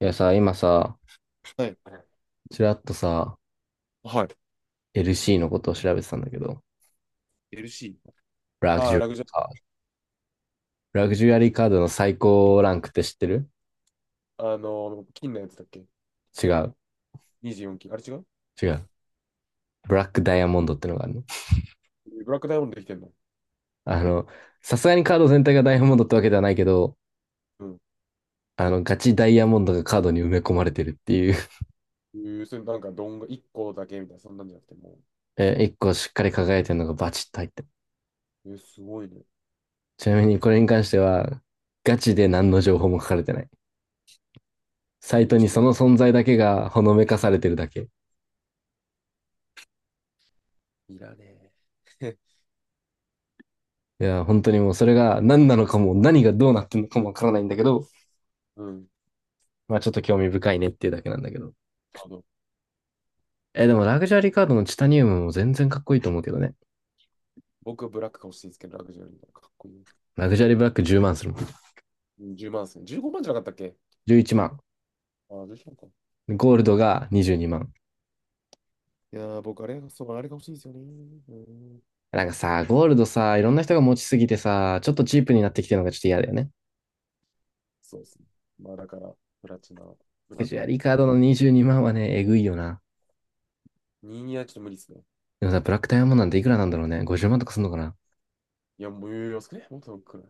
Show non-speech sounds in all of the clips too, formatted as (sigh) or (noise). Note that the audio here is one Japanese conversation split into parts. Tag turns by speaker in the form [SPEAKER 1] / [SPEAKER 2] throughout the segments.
[SPEAKER 1] いやさ、今さ、
[SPEAKER 2] はい。
[SPEAKER 1] ちらっとさ、
[SPEAKER 2] はい。
[SPEAKER 1] LC のことを調べてたんだけど、
[SPEAKER 2] LC。
[SPEAKER 1] ラグ
[SPEAKER 2] あ
[SPEAKER 1] ジ
[SPEAKER 2] あ、
[SPEAKER 1] ュア
[SPEAKER 2] ラ
[SPEAKER 1] リ
[SPEAKER 2] グ
[SPEAKER 1] ー
[SPEAKER 2] ジュ
[SPEAKER 1] カード。ラグジュアリーカードの最高ランクって知ってる？
[SPEAKER 2] ア金のやつだっけ？
[SPEAKER 1] 違う、
[SPEAKER 2] 24 金。あれ違う。
[SPEAKER 1] 違う。ブラックダイヤモンドってのがあるの。
[SPEAKER 2] ブラックダイヤモンドできてんの？
[SPEAKER 1] あの、さすがにカード全体がダイヤモンドってわけではないけど、
[SPEAKER 2] うん。
[SPEAKER 1] ガチダイヤモンドがカードに埋め込まれてるっていう。
[SPEAKER 2] えー、それなんか、どんが1個だけみたいな、そんなんじゃなくて、も
[SPEAKER 1] (laughs) え、一個しっかり輝いてるのがバチッと入ってる。
[SPEAKER 2] う、えー、すごいね。
[SPEAKER 1] ちなみにこれに関しては、ガチで何の情報も書かれてない。サイ
[SPEAKER 2] で
[SPEAKER 1] ト
[SPEAKER 2] もち
[SPEAKER 1] に
[SPEAKER 2] ょっと
[SPEAKER 1] そ
[SPEAKER 2] も
[SPEAKER 1] の存在だけがほのめかされてるだけ。
[SPEAKER 2] う、いらねえ。
[SPEAKER 1] いや、本当にもうそれが何なのかも、何がどうなってんのかもわからないんだけど、
[SPEAKER 2] (laughs) うん。
[SPEAKER 1] まあちょっと興味深いねっていうだけなんだけど。
[SPEAKER 2] あの、
[SPEAKER 1] え、でもラグジュアリーカードのチタニウムも全然かっこいいと思うけどね。
[SPEAKER 2] 僕、ブラックが欲しいですけど、ラグジュアリーならかっこいい。
[SPEAKER 1] ラグジュアリーブラック10万するもん。
[SPEAKER 2] うん、10万ですね。15万じゃなかったっけ？
[SPEAKER 1] 11万。
[SPEAKER 2] ああ、15万か。
[SPEAKER 1] ゴールドが22万。
[SPEAKER 2] いやー、僕、あれが、そう、あれが欲しいですよね。うん。
[SPEAKER 1] なんかさ、ゴールドさ、いろんな人が持ちすぎてさ、ちょっとチープになってきてるのがちょっと嫌だよね。
[SPEAKER 2] そうですね。まあ、だから、プラチナ、ブ
[SPEAKER 1] ラ
[SPEAKER 2] ラ
[SPEAKER 1] グ
[SPEAKER 2] ッ
[SPEAKER 1] ジュアリ
[SPEAKER 2] ク。
[SPEAKER 1] ーカードの22万はね、えぐいよな。
[SPEAKER 2] 2にはちょっと無理ですね。
[SPEAKER 1] でもさ、ブラックダイヤモンドなんていくらなんだろうね。50万とかすんのかな。
[SPEAKER 2] いや、もう、余裕ね。もっとくらい。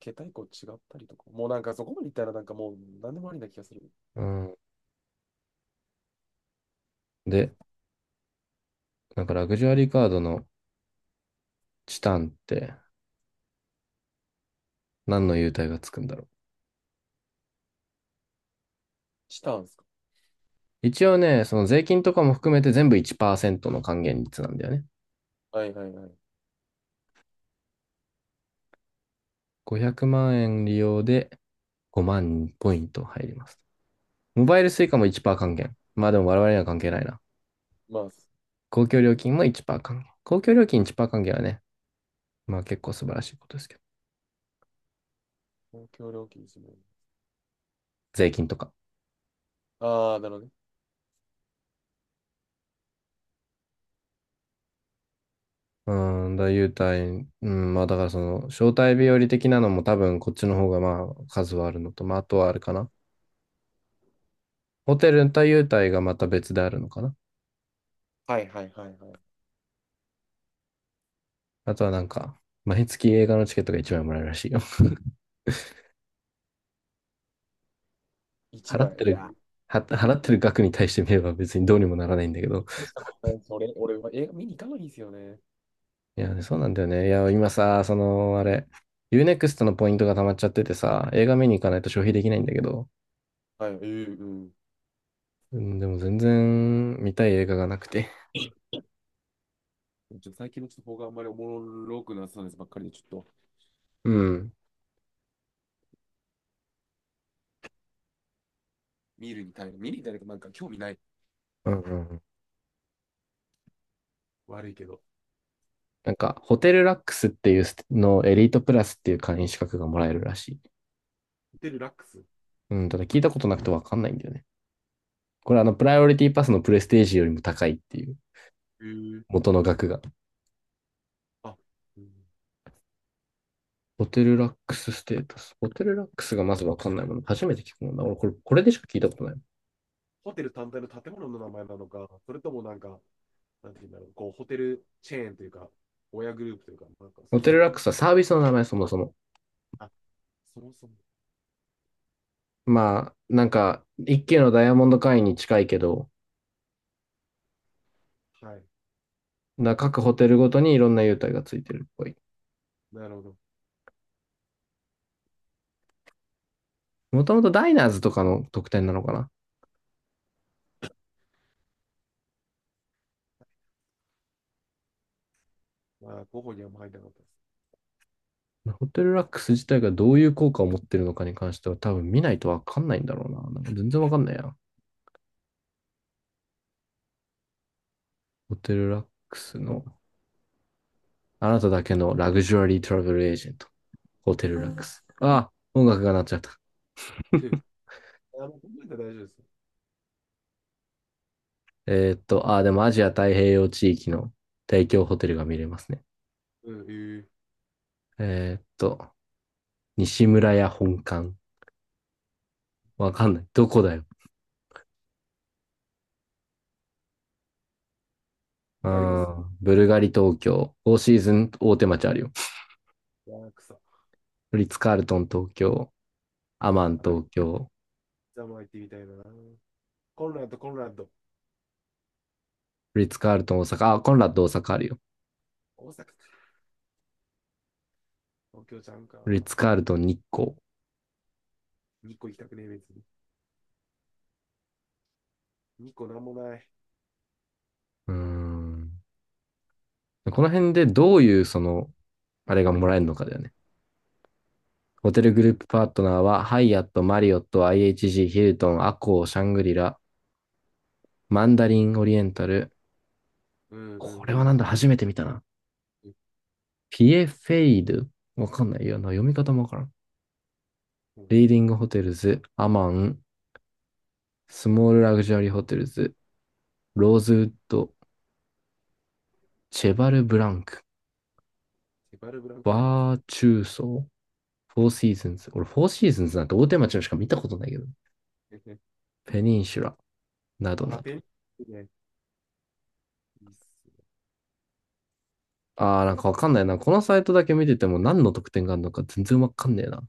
[SPEAKER 2] 桁一個違ったりとか。もうなんかそこまでいったらなんかもう何でもありな気がする。
[SPEAKER 1] うん。で、なんかラグジュアリーカードのチタンって何の優待がつくんだろう。
[SPEAKER 2] したんですか？
[SPEAKER 1] 一応ね、その税金とかも含めて全部1%の還元率なんだよね。
[SPEAKER 2] はいはいはい。
[SPEAKER 1] 500万円利用で5万ポイント入ります。モバイル s u i も1%還元。まあでも我々には関係ないな。
[SPEAKER 2] まあ、
[SPEAKER 1] 公共料金も1%還元。公共料金1%還元はね、まあ結構素晴らしいことですけど。
[SPEAKER 2] 公共料金1。
[SPEAKER 1] 税金とか。
[SPEAKER 2] ああ、なるほどね。
[SPEAKER 1] 優待、うん、まあだからその、招待日和的なのも多分こっちの方がまあ数はあるのと、まああとはあるかな。ホテルと優待がまた別であるのかな。
[SPEAKER 2] はいはいはいはい。
[SPEAKER 1] あとはなんか、毎月映画のチケットが一枚もらえるらしいよ。(laughs)
[SPEAKER 2] 1
[SPEAKER 1] 払って
[SPEAKER 2] 枚。いや、
[SPEAKER 1] る、は、
[SPEAKER 2] 映画
[SPEAKER 1] 払
[SPEAKER 2] 館
[SPEAKER 1] ってる額に対して見れば別にどうにもならないんだけど。
[SPEAKER 2] にしたことないんです、俺、俺は映画見に行かないんですよね。
[SPEAKER 1] いや、そうなんだよね。いや、今さ、その、あれ、ユーネクストのポイントが溜まっちゃっててさ、映画見に行かないと消費できないんだけど。
[SPEAKER 2] はい、ええ、うん。
[SPEAKER 1] うん、でも全然見たい映画がなくて。
[SPEAKER 2] ちょっと最近のちょっと方があんまりおもろくなさそうですばっかりで、ちょっと
[SPEAKER 1] うん。
[SPEAKER 2] 見るに耐える。見るに耐えるとなんか興味ない。
[SPEAKER 1] うんうんうん。
[SPEAKER 2] 悪いけど。
[SPEAKER 1] なんか、ホテルラックスっていうのエリートプラスっていう会員資格がもらえるらしい。
[SPEAKER 2] ホテルラックス。
[SPEAKER 1] うん、ただ聞いたことなくてわかんないんだよね。これプライオリティパスのプレステージよりも高いっていう、
[SPEAKER 2] ええ、
[SPEAKER 1] 元の額が。
[SPEAKER 2] あ、うん、
[SPEAKER 1] ホテルラックスステータス。ホテルラックスがまずわかんないもの。初めて聞くもんだ。俺、これでしか聞いたことない。
[SPEAKER 2] ホテル単体の建物の名前なのか、それともなんか、なんていうんだろう、こう、ホテルチェーンというか、親グループというか、なんか
[SPEAKER 1] ホ
[SPEAKER 2] そうい
[SPEAKER 1] テ
[SPEAKER 2] う
[SPEAKER 1] ル
[SPEAKER 2] やつ。
[SPEAKER 1] ラックスはサービスの名前、そもそも。
[SPEAKER 2] あ、そもそも。
[SPEAKER 1] まあ、なんか、一級のダイヤモンド会員に近いけど、
[SPEAKER 2] はい。
[SPEAKER 1] 各ホテルごとにいろんな優待がついてるっぽい。
[SPEAKER 2] なるほど。
[SPEAKER 1] もともとダイナーズとかの特典なのかな。
[SPEAKER 2] まあ、候補にはあんま入らなかったです。
[SPEAKER 1] ホテルラックス自体がどういう効果を持ってるのかに関しては多分見ないとわかんないんだろうな。なんか全然わかんないや。ホテルラックスの、あなただけのラグジュアリートラベルエージェント。ホテルラックス。ああ、音楽が鳴っちゃった。
[SPEAKER 2] ふう、考えたら大丈夫ですよ。
[SPEAKER 1] でもアジア太平洋地域の提供ホテルが見れますね。
[SPEAKER 2] うん、ええ、
[SPEAKER 1] えーっと、西村屋本館。わかんない。どこだよ。う
[SPEAKER 2] 他あります？
[SPEAKER 1] ーん、ブルガリ東京。フォーシーズン大手町あるよ。
[SPEAKER 2] ワークサ。
[SPEAKER 1] フリッツカールトン東京。アマン
[SPEAKER 2] あ
[SPEAKER 1] 東
[SPEAKER 2] り
[SPEAKER 1] 京。
[SPEAKER 2] ざま行ってみたいな。コンラッド、コンラッド。
[SPEAKER 1] フリッツカールトン大阪。あ、コンラッド大阪あるよ。
[SPEAKER 2] 大阪か。東京ちゃんか。
[SPEAKER 1] フリッツカールトン日光。
[SPEAKER 2] 2個行きたくねえ、別に。2個なんもない。
[SPEAKER 1] うーん。この辺でどういうその、あれがもらえるのかだよね。ホ
[SPEAKER 2] う
[SPEAKER 1] テルグルー
[SPEAKER 2] ん、
[SPEAKER 1] プパートナーは、ハイアット、マリオット、IHG、ヒルトン、アコー、シャングリラ、マンダリンオリエンタル。
[SPEAKER 2] うん、うん、う
[SPEAKER 1] これはな
[SPEAKER 2] ん。
[SPEAKER 1] んだ、初めて見たな。
[SPEAKER 2] え、
[SPEAKER 1] ピエフェイドわかんないよな。読み方もわからん。
[SPEAKER 2] うん、
[SPEAKER 1] リーディングホテルズ、アマン、スモールラグジュアリーホテルズ、ローズウッド、チェバルブランク、
[SPEAKER 2] セバルブランクってなんですか？
[SPEAKER 1] バーチューソー、フォーシーズンズ。俺、フォーシーズンズなんて大手町のしか見たことないけど。
[SPEAKER 2] (laughs)
[SPEAKER 1] ペニンシュラ、な
[SPEAKER 2] あ
[SPEAKER 1] どな
[SPEAKER 2] ー、
[SPEAKER 1] ど。
[SPEAKER 2] ペンギンね。いいっす。
[SPEAKER 1] なんかわかんないな。このサイトだけ見てても何の特典があるのか全然わかんねえな。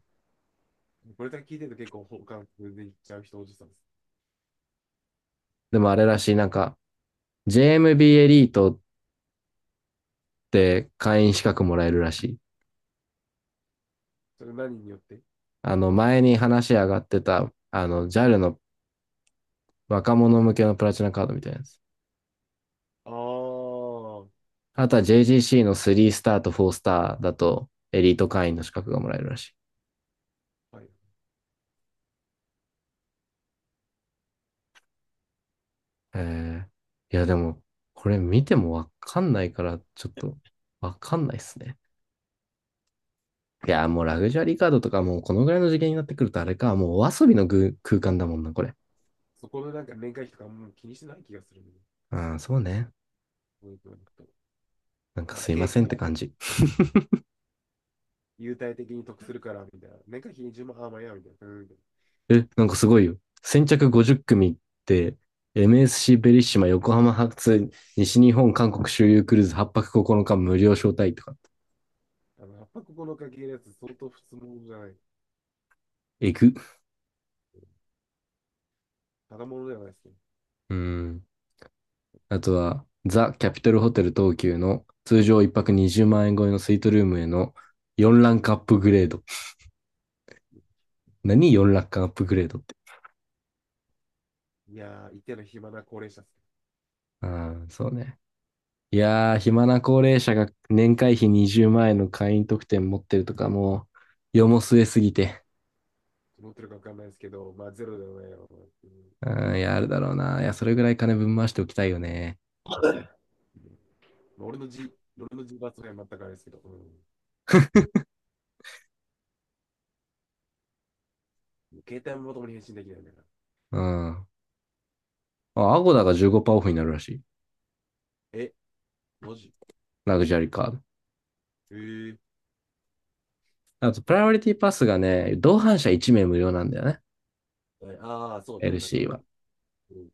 [SPEAKER 2] これだけ聞いてると結構本感覚でいっちゃう人おじさんです。
[SPEAKER 1] でもあれらしい、なんか、JMB エムビーエリートって会員資格もらえるらしい。
[SPEAKER 2] それ何によって？
[SPEAKER 1] 前に話上がってた、JAL の若者向けのプラチナカードみたいなやつ。
[SPEAKER 2] ああー、
[SPEAKER 1] あとは JGC の3スターと4スターだと、エリート会員の資格がもらえるらしい。
[SPEAKER 2] はい。
[SPEAKER 1] えいや、でも、これ見てもわかんないから、ちょっと、わかんないっすね。いや、もうラグジュアリーカードとかもうこのぐらいの次元になってくるとあれか、もうお遊びのぐ空間だもんな、これ。
[SPEAKER 2] そこのなんか年会費とかもう気にしてない気がするね。
[SPEAKER 1] うん、そうね。
[SPEAKER 2] で、こういうのと
[SPEAKER 1] なんか
[SPEAKER 2] かっ
[SPEAKER 1] すい
[SPEAKER 2] け
[SPEAKER 1] ま
[SPEAKER 2] え
[SPEAKER 1] せ
[SPEAKER 2] か
[SPEAKER 1] んって
[SPEAKER 2] ら、
[SPEAKER 1] 感じ。
[SPEAKER 2] 優待的に得するから、みたいな。年会費10万、あ、まあいいや、みたいな。うん、みたい
[SPEAKER 1] え、なんかすごいよ。先着50組って、MSC ベリッシマ横浜発西日本韓国周遊クルーズ8泊9日無料招待とか。
[SPEAKER 2] な。やっぱここの家系のやつ相当普通物じゃない。
[SPEAKER 1] えぐ。
[SPEAKER 2] ただ物ではないですけど。
[SPEAKER 1] うん。あとは、ザ・キャピトルホテル東急の通常1泊20万円超えのスイートルームへの4ラ
[SPEAKER 2] うん、
[SPEAKER 1] ン
[SPEAKER 2] う
[SPEAKER 1] クア
[SPEAKER 2] ん、
[SPEAKER 1] ップグレード。何？ 4 ランクアップグレードって。
[SPEAKER 2] いやー、一定の暇な高齢者っす。
[SPEAKER 1] うん、そうね。いやー、暇な高齢者が年会費20万円の会員特典持ってるとかもう、世も末すぎて。
[SPEAKER 2] どう思ってるかわかんないですけど、まあゼロではないよ。うん、
[SPEAKER 1] うん、いや、あるだろうな。いや、それぐらい金ぶん回しておきたいよね。
[SPEAKER 2] まあ俺のじ、俺のじ罰は全くあれですけど。うん、携帯もともに返信できないんだから。
[SPEAKER 1] うん。あ、アゴダが15%オフになるらしい。
[SPEAKER 2] え、マジ？
[SPEAKER 1] ラグジュアリーカード。
[SPEAKER 2] えー、
[SPEAKER 1] あと、プライオリティパスがね、同伴者1名無料なんだよね。
[SPEAKER 2] ああ、そうね。なんか
[SPEAKER 1] LC
[SPEAKER 2] よ
[SPEAKER 1] は。
[SPEAKER 2] く、うん、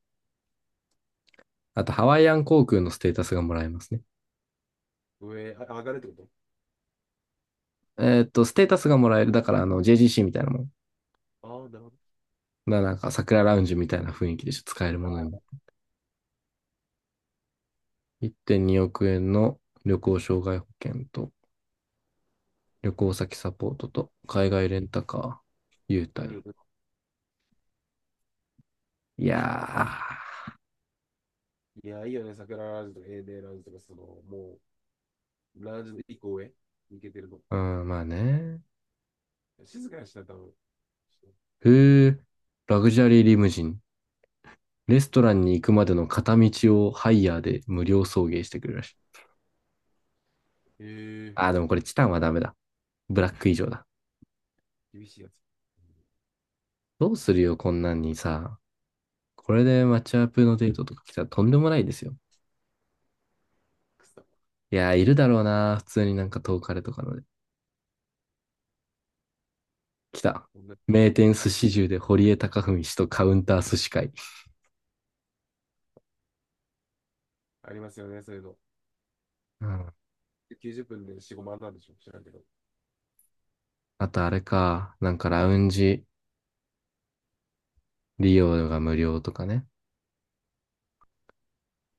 [SPEAKER 1] あと、ハワイアン航空のステータスがもらえますね。
[SPEAKER 2] 上、あ、上がるってこと？
[SPEAKER 1] ステータスがもらえる。だから、JGC みたいなもん。
[SPEAKER 2] ああー、なるほど。
[SPEAKER 1] なんか、桜ラウンジみたいな雰囲気でしょ使えるものに。1.2億円の旅行障害保険と、旅行先サポートと、海外レンタカー、優
[SPEAKER 2] うん、う
[SPEAKER 1] 待。
[SPEAKER 2] ん。
[SPEAKER 1] いや
[SPEAKER 2] いや、いいよね。桜ラウンジとか、エーデーラウンジとか、その、もう、ラウンジの一個上、行けてるのっ
[SPEAKER 1] ー。
[SPEAKER 2] て。
[SPEAKER 1] うん、まあね。
[SPEAKER 2] 静かにしたら多分。
[SPEAKER 1] へえ、ラグジュアリーリムジン。レストランに行くまでの片道をハイヤーで無料送迎してくれるらしい。
[SPEAKER 2] え
[SPEAKER 1] でもこれチタンはダメだ。ブラック以上だ。
[SPEAKER 2] ー、厳しいやつ。うん、
[SPEAKER 1] どうするよ、こんなんにさ。これでマッチアップのデートとか来たらとんでもないですよ。
[SPEAKER 2] くそ。
[SPEAKER 1] いやー、いるだろうな。普通になんか遠かれとかので。来た。
[SPEAKER 2] こんな、ん、
[SPEAKER 1] 名店寿司中で堀江貴文氏とカウンター寿司会。
[SPEAKER 2] ありますよね、そういうの。
[SPEAKER 1] うん。
[SPEAKER 2] 90分で4、5万なんでしょ、知らんけど。い
[SPEAKER 1] あとあれか。なんかラウンジ利用が無料とかね。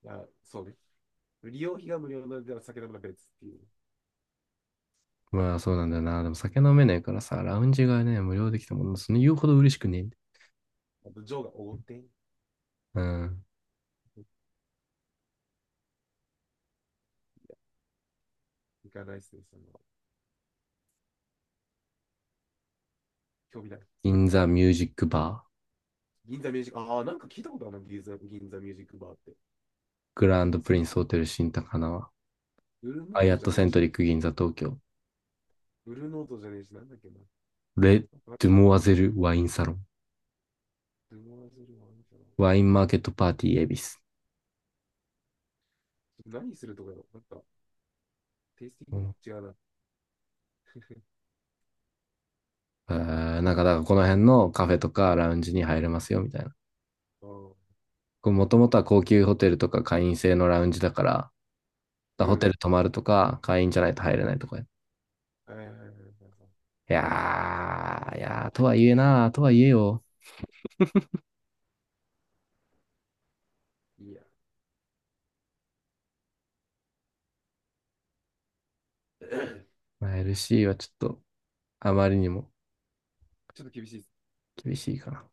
[SPEAKER 2] や、そうね。利用費が無料なのでは、酒飲むのは別っていう。
[SPEAKER 1] まあそうなんだよな。でも酒飲めないからさ、ラウンジがね、無料できたもの、その言うほど嬉しくねえんだよ。
[SPEAKER 2] あと、ジョーがおごって、
[SPEAKER 1] うん。
[SPEAKER 2] 行かないっすね、その、興味ない。
[SPEAKER 1] 銀座ミュージックバ
[SPEAKER 2] 銀座ミュージック、ああ、なんか聞いたことあるな、銀座、銀座ミュージックバーって。
[SPEAKER 1] ー、グラン
[SPEAKER 2] 気
[SPEAKER 1] ド
[SPEAKER 2] の
[SPEAKER 1] プ
[SPEAKER 2] せい、
[SPEAKER 1] リンスホテル新高輪、
[SPEAKER 2] ブルー
[SPEAKER 1] ア
[SPEAKER 2] ノー
[SPEAKER 1] イア
[SPEAKER 2] ト
[SPEAKER 1] ッ
[SPEAKER 2] じゃ
[SPEAKER 1] トセ
[SPEAKER 2] ねえ
[SPEAKER 1] ント
[SPEAKER 2] し、
[SPEAKER 1] リック銀座東京、
[SPEAKER 2] ブルーノートじゃねえし、なんだっけな。
[SPEAKER 1] レッ
[SPEAKER 2] なんか、
[SPEAKER 1] ドモアゼルワインサロン、
[SPEAKER 2] ルノワズルはあるか
[SPEAKER 1] ワインマーケットパーティー恵比寿。
[SPEAKER 2] な。何するとかよ、なんか、テイスティン
[SPEAKER 1] う
[SPEAKER 2] グ
[SPEAKER 1] ん。
[SPEAKER 2] 違うな。あ
[SPEAKER 1] えなんか、だからこの辺のカフェとかラウンジに入れますよ、みたいな。
[SPEAKER 2] あ、
[SPEAKER 1] もともとは高級ホテルとか会員制のラウンジだから、だか
[SPEAKER 2] う
[SPEAKER 1] らホテ
[SPEAKER 2] ん。
[SPEAKER 1] ル泊まるとか、会員じゃないと入れないとか。
[SPEAKER 2] はいはいはいはいは
[SPEAKER 1] いやー、いやー、とはいえな、とはいえよ。
[SPEAKER 2] い。いや、(coughs)
[SPEAKER 1] まあ、LC はちょっとあまりにも
[SPEAKER 2] ちょっと厳しいです。
[SPEAKER 1] 厳しいかな。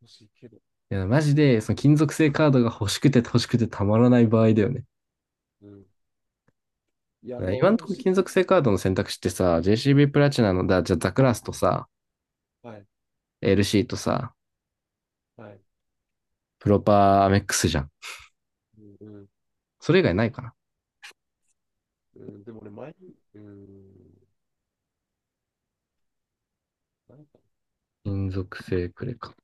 [SPEAKER 2] 欲しいけど。
[SPEAKER 1] いや、マジで、その金属製カードが欲しくて欲しくてたまらない場合だよね。
[SPEAKER 2] うん。いや、まあ
[SPEAKER 1] 今
[SPEAKER 2] 俺
[SPEAKER 1] の
[SPEAKER 2] も
[SPEAKER 1] と
[SPEAKER 2] 欲
[SPEAKER 1] こ
[SPEAKER 2] しい。
[SPEAKER 1] 金属製カードの選択肢ってさ、JCB プラチナの、じゃあザクラスとさ、
[SPEAKER 2] はい、
[SPEAKER 1] LC とさ、
[SPEAKER 2] はい。
[SPEAKER 1] プロパーアメックスじゃん。
[SPEAKER 2] うん、うん、
[SPEAKER 1] それ以外ないかな。
[SPEAKER 2] うん、でも俺前に、うん、なんか、
[SPEAKER 1] 金属製クレカ。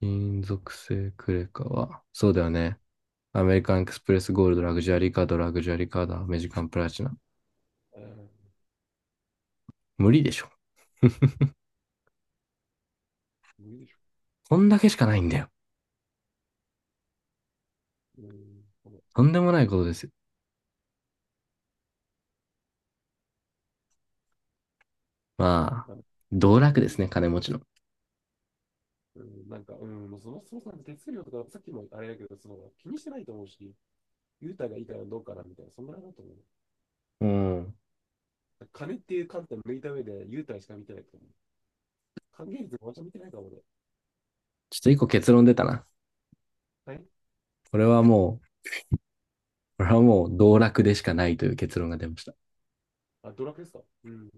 [SPEAKER 1] 金属製クレカは、そうだよね。アメリカンエクスプレスゴールド、ラグジュアリーカード、ラグジュアリーカード、アメジカンプラチナ。
[SPEAKER 2] うん、
[SPEAKER 1] 無理でしょ。
[SPEAKER 2] 無理でしょ。
[SPEAKER 1] こんだけしかないんだよ。
[SPEAKER 2] うん、この、
[SPEAKER 1] とんでもないことですよ。まあ、
[SPEAKER 2] あ、
[SPEAKER 1] 道
[SPEAKER 2] う
[SPEAKER 1] 楽
[SPEAKER 2] ん。
[SPEAKER 1] ですね、金持ちの。
[SPEAKER 2] うん、そもそもそも手数料とか、さっきもあれだけど、その気にしてないと思うし、優待がいいからどうかなみたいな、そんなのだと思う。
[SPEAKER 1] うん。
[SPEAKER 2] 金っていう観点を抜いた上で、優待しか見てないと思う。還元率も私見てないかもね。
[SPEAKER 1] ちょっと一個結論出たな。
[SPEAKER 2] はい。
[SPEAKER 1] これはもう、これはもう道楽でしかないという結論が出ました。
[SPEAKER 2] あ、ドラクエですか？うん。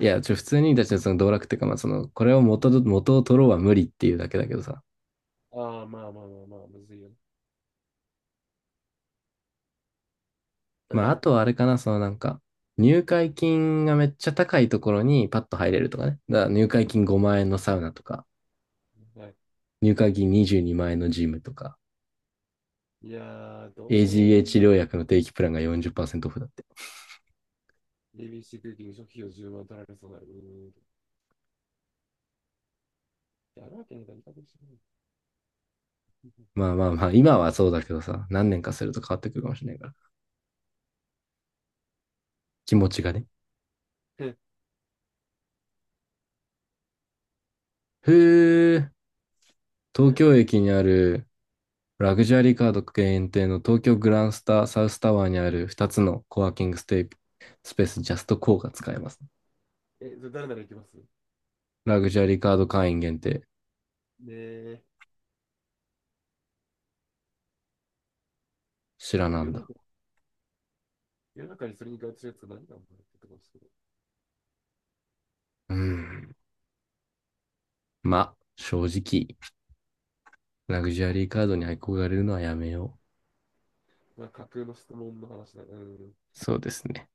[SPEAKER 1] いや、普通に、だってその道楽っていうか、まあその、これを元を取ろうは無理っていうだけだけどさ。
[SPEAKER 2] ああ、まあまあまあまあ、むずいよね。
[SPEAKER 1] まあ、あとはあ
[SPEAKER 2] (clears throat)
[SPEAKER 1] れかな、そのなんか、入会金がめっちゃ高いところにパッと入れるとかね。だから入会金5万円のサウナとか、
[SPEAKER 2] (coughs) はい。
[SPEAKER 1] 入会金22万円のジムとか、
[SPEAKER 2] いやー、ど
[SPEAKER 1] a g h
[SPEAKER 2] こ、
[SPEAKER 1] 治療薬の定期プランが40%オフだって。
[SPEAKER 2] エー b c クッキング初期費用10万取られそうなる。うーん。やるわけないから、いいかもしれない。
[SPEAKER 1] まあ
[SPEAKER 2] (laughs)
[SPEAKER 1] まあまあ、今はそうだけどさ、何年かすると変わってくるかもしれないから。気持
[SPEAKER 2] い
[SPEAKER 1] ち
[SPEAKER 2] や、
[SPEAKER 1] がね。
[SPEAKER 2] (laughs) え、
[SPEAKER 1] へえ、東京駅にあるラグジュアリーカード限定の東京グランスタサウスタワーにある2つのコワーキングステイスペースジャストコーが使えます。
[SPEAKER 2] え、それ誰なら行きますね？
[SPEAKER 1] ラグジュアリーカード会員限定。
[SPEAKER 2] え、
[SPEAKER 1] 知らな
[SPEAKER 2] 世
[SPEAKER 1] ん
[SPEAKER 2] の中、
[SPEAKER 1] だ。
[SPEAKER 2] 世の中にそれに該当するやつが何が生まれてくるんです？
[SPEAKER 1] うーん。まあ、正直、ラグジュアリーカードに憧れるのはやめよう。
[SPEAKER 2] まあ、架空の質問の話だね。うん。
[SPEAKER 1] そうですね。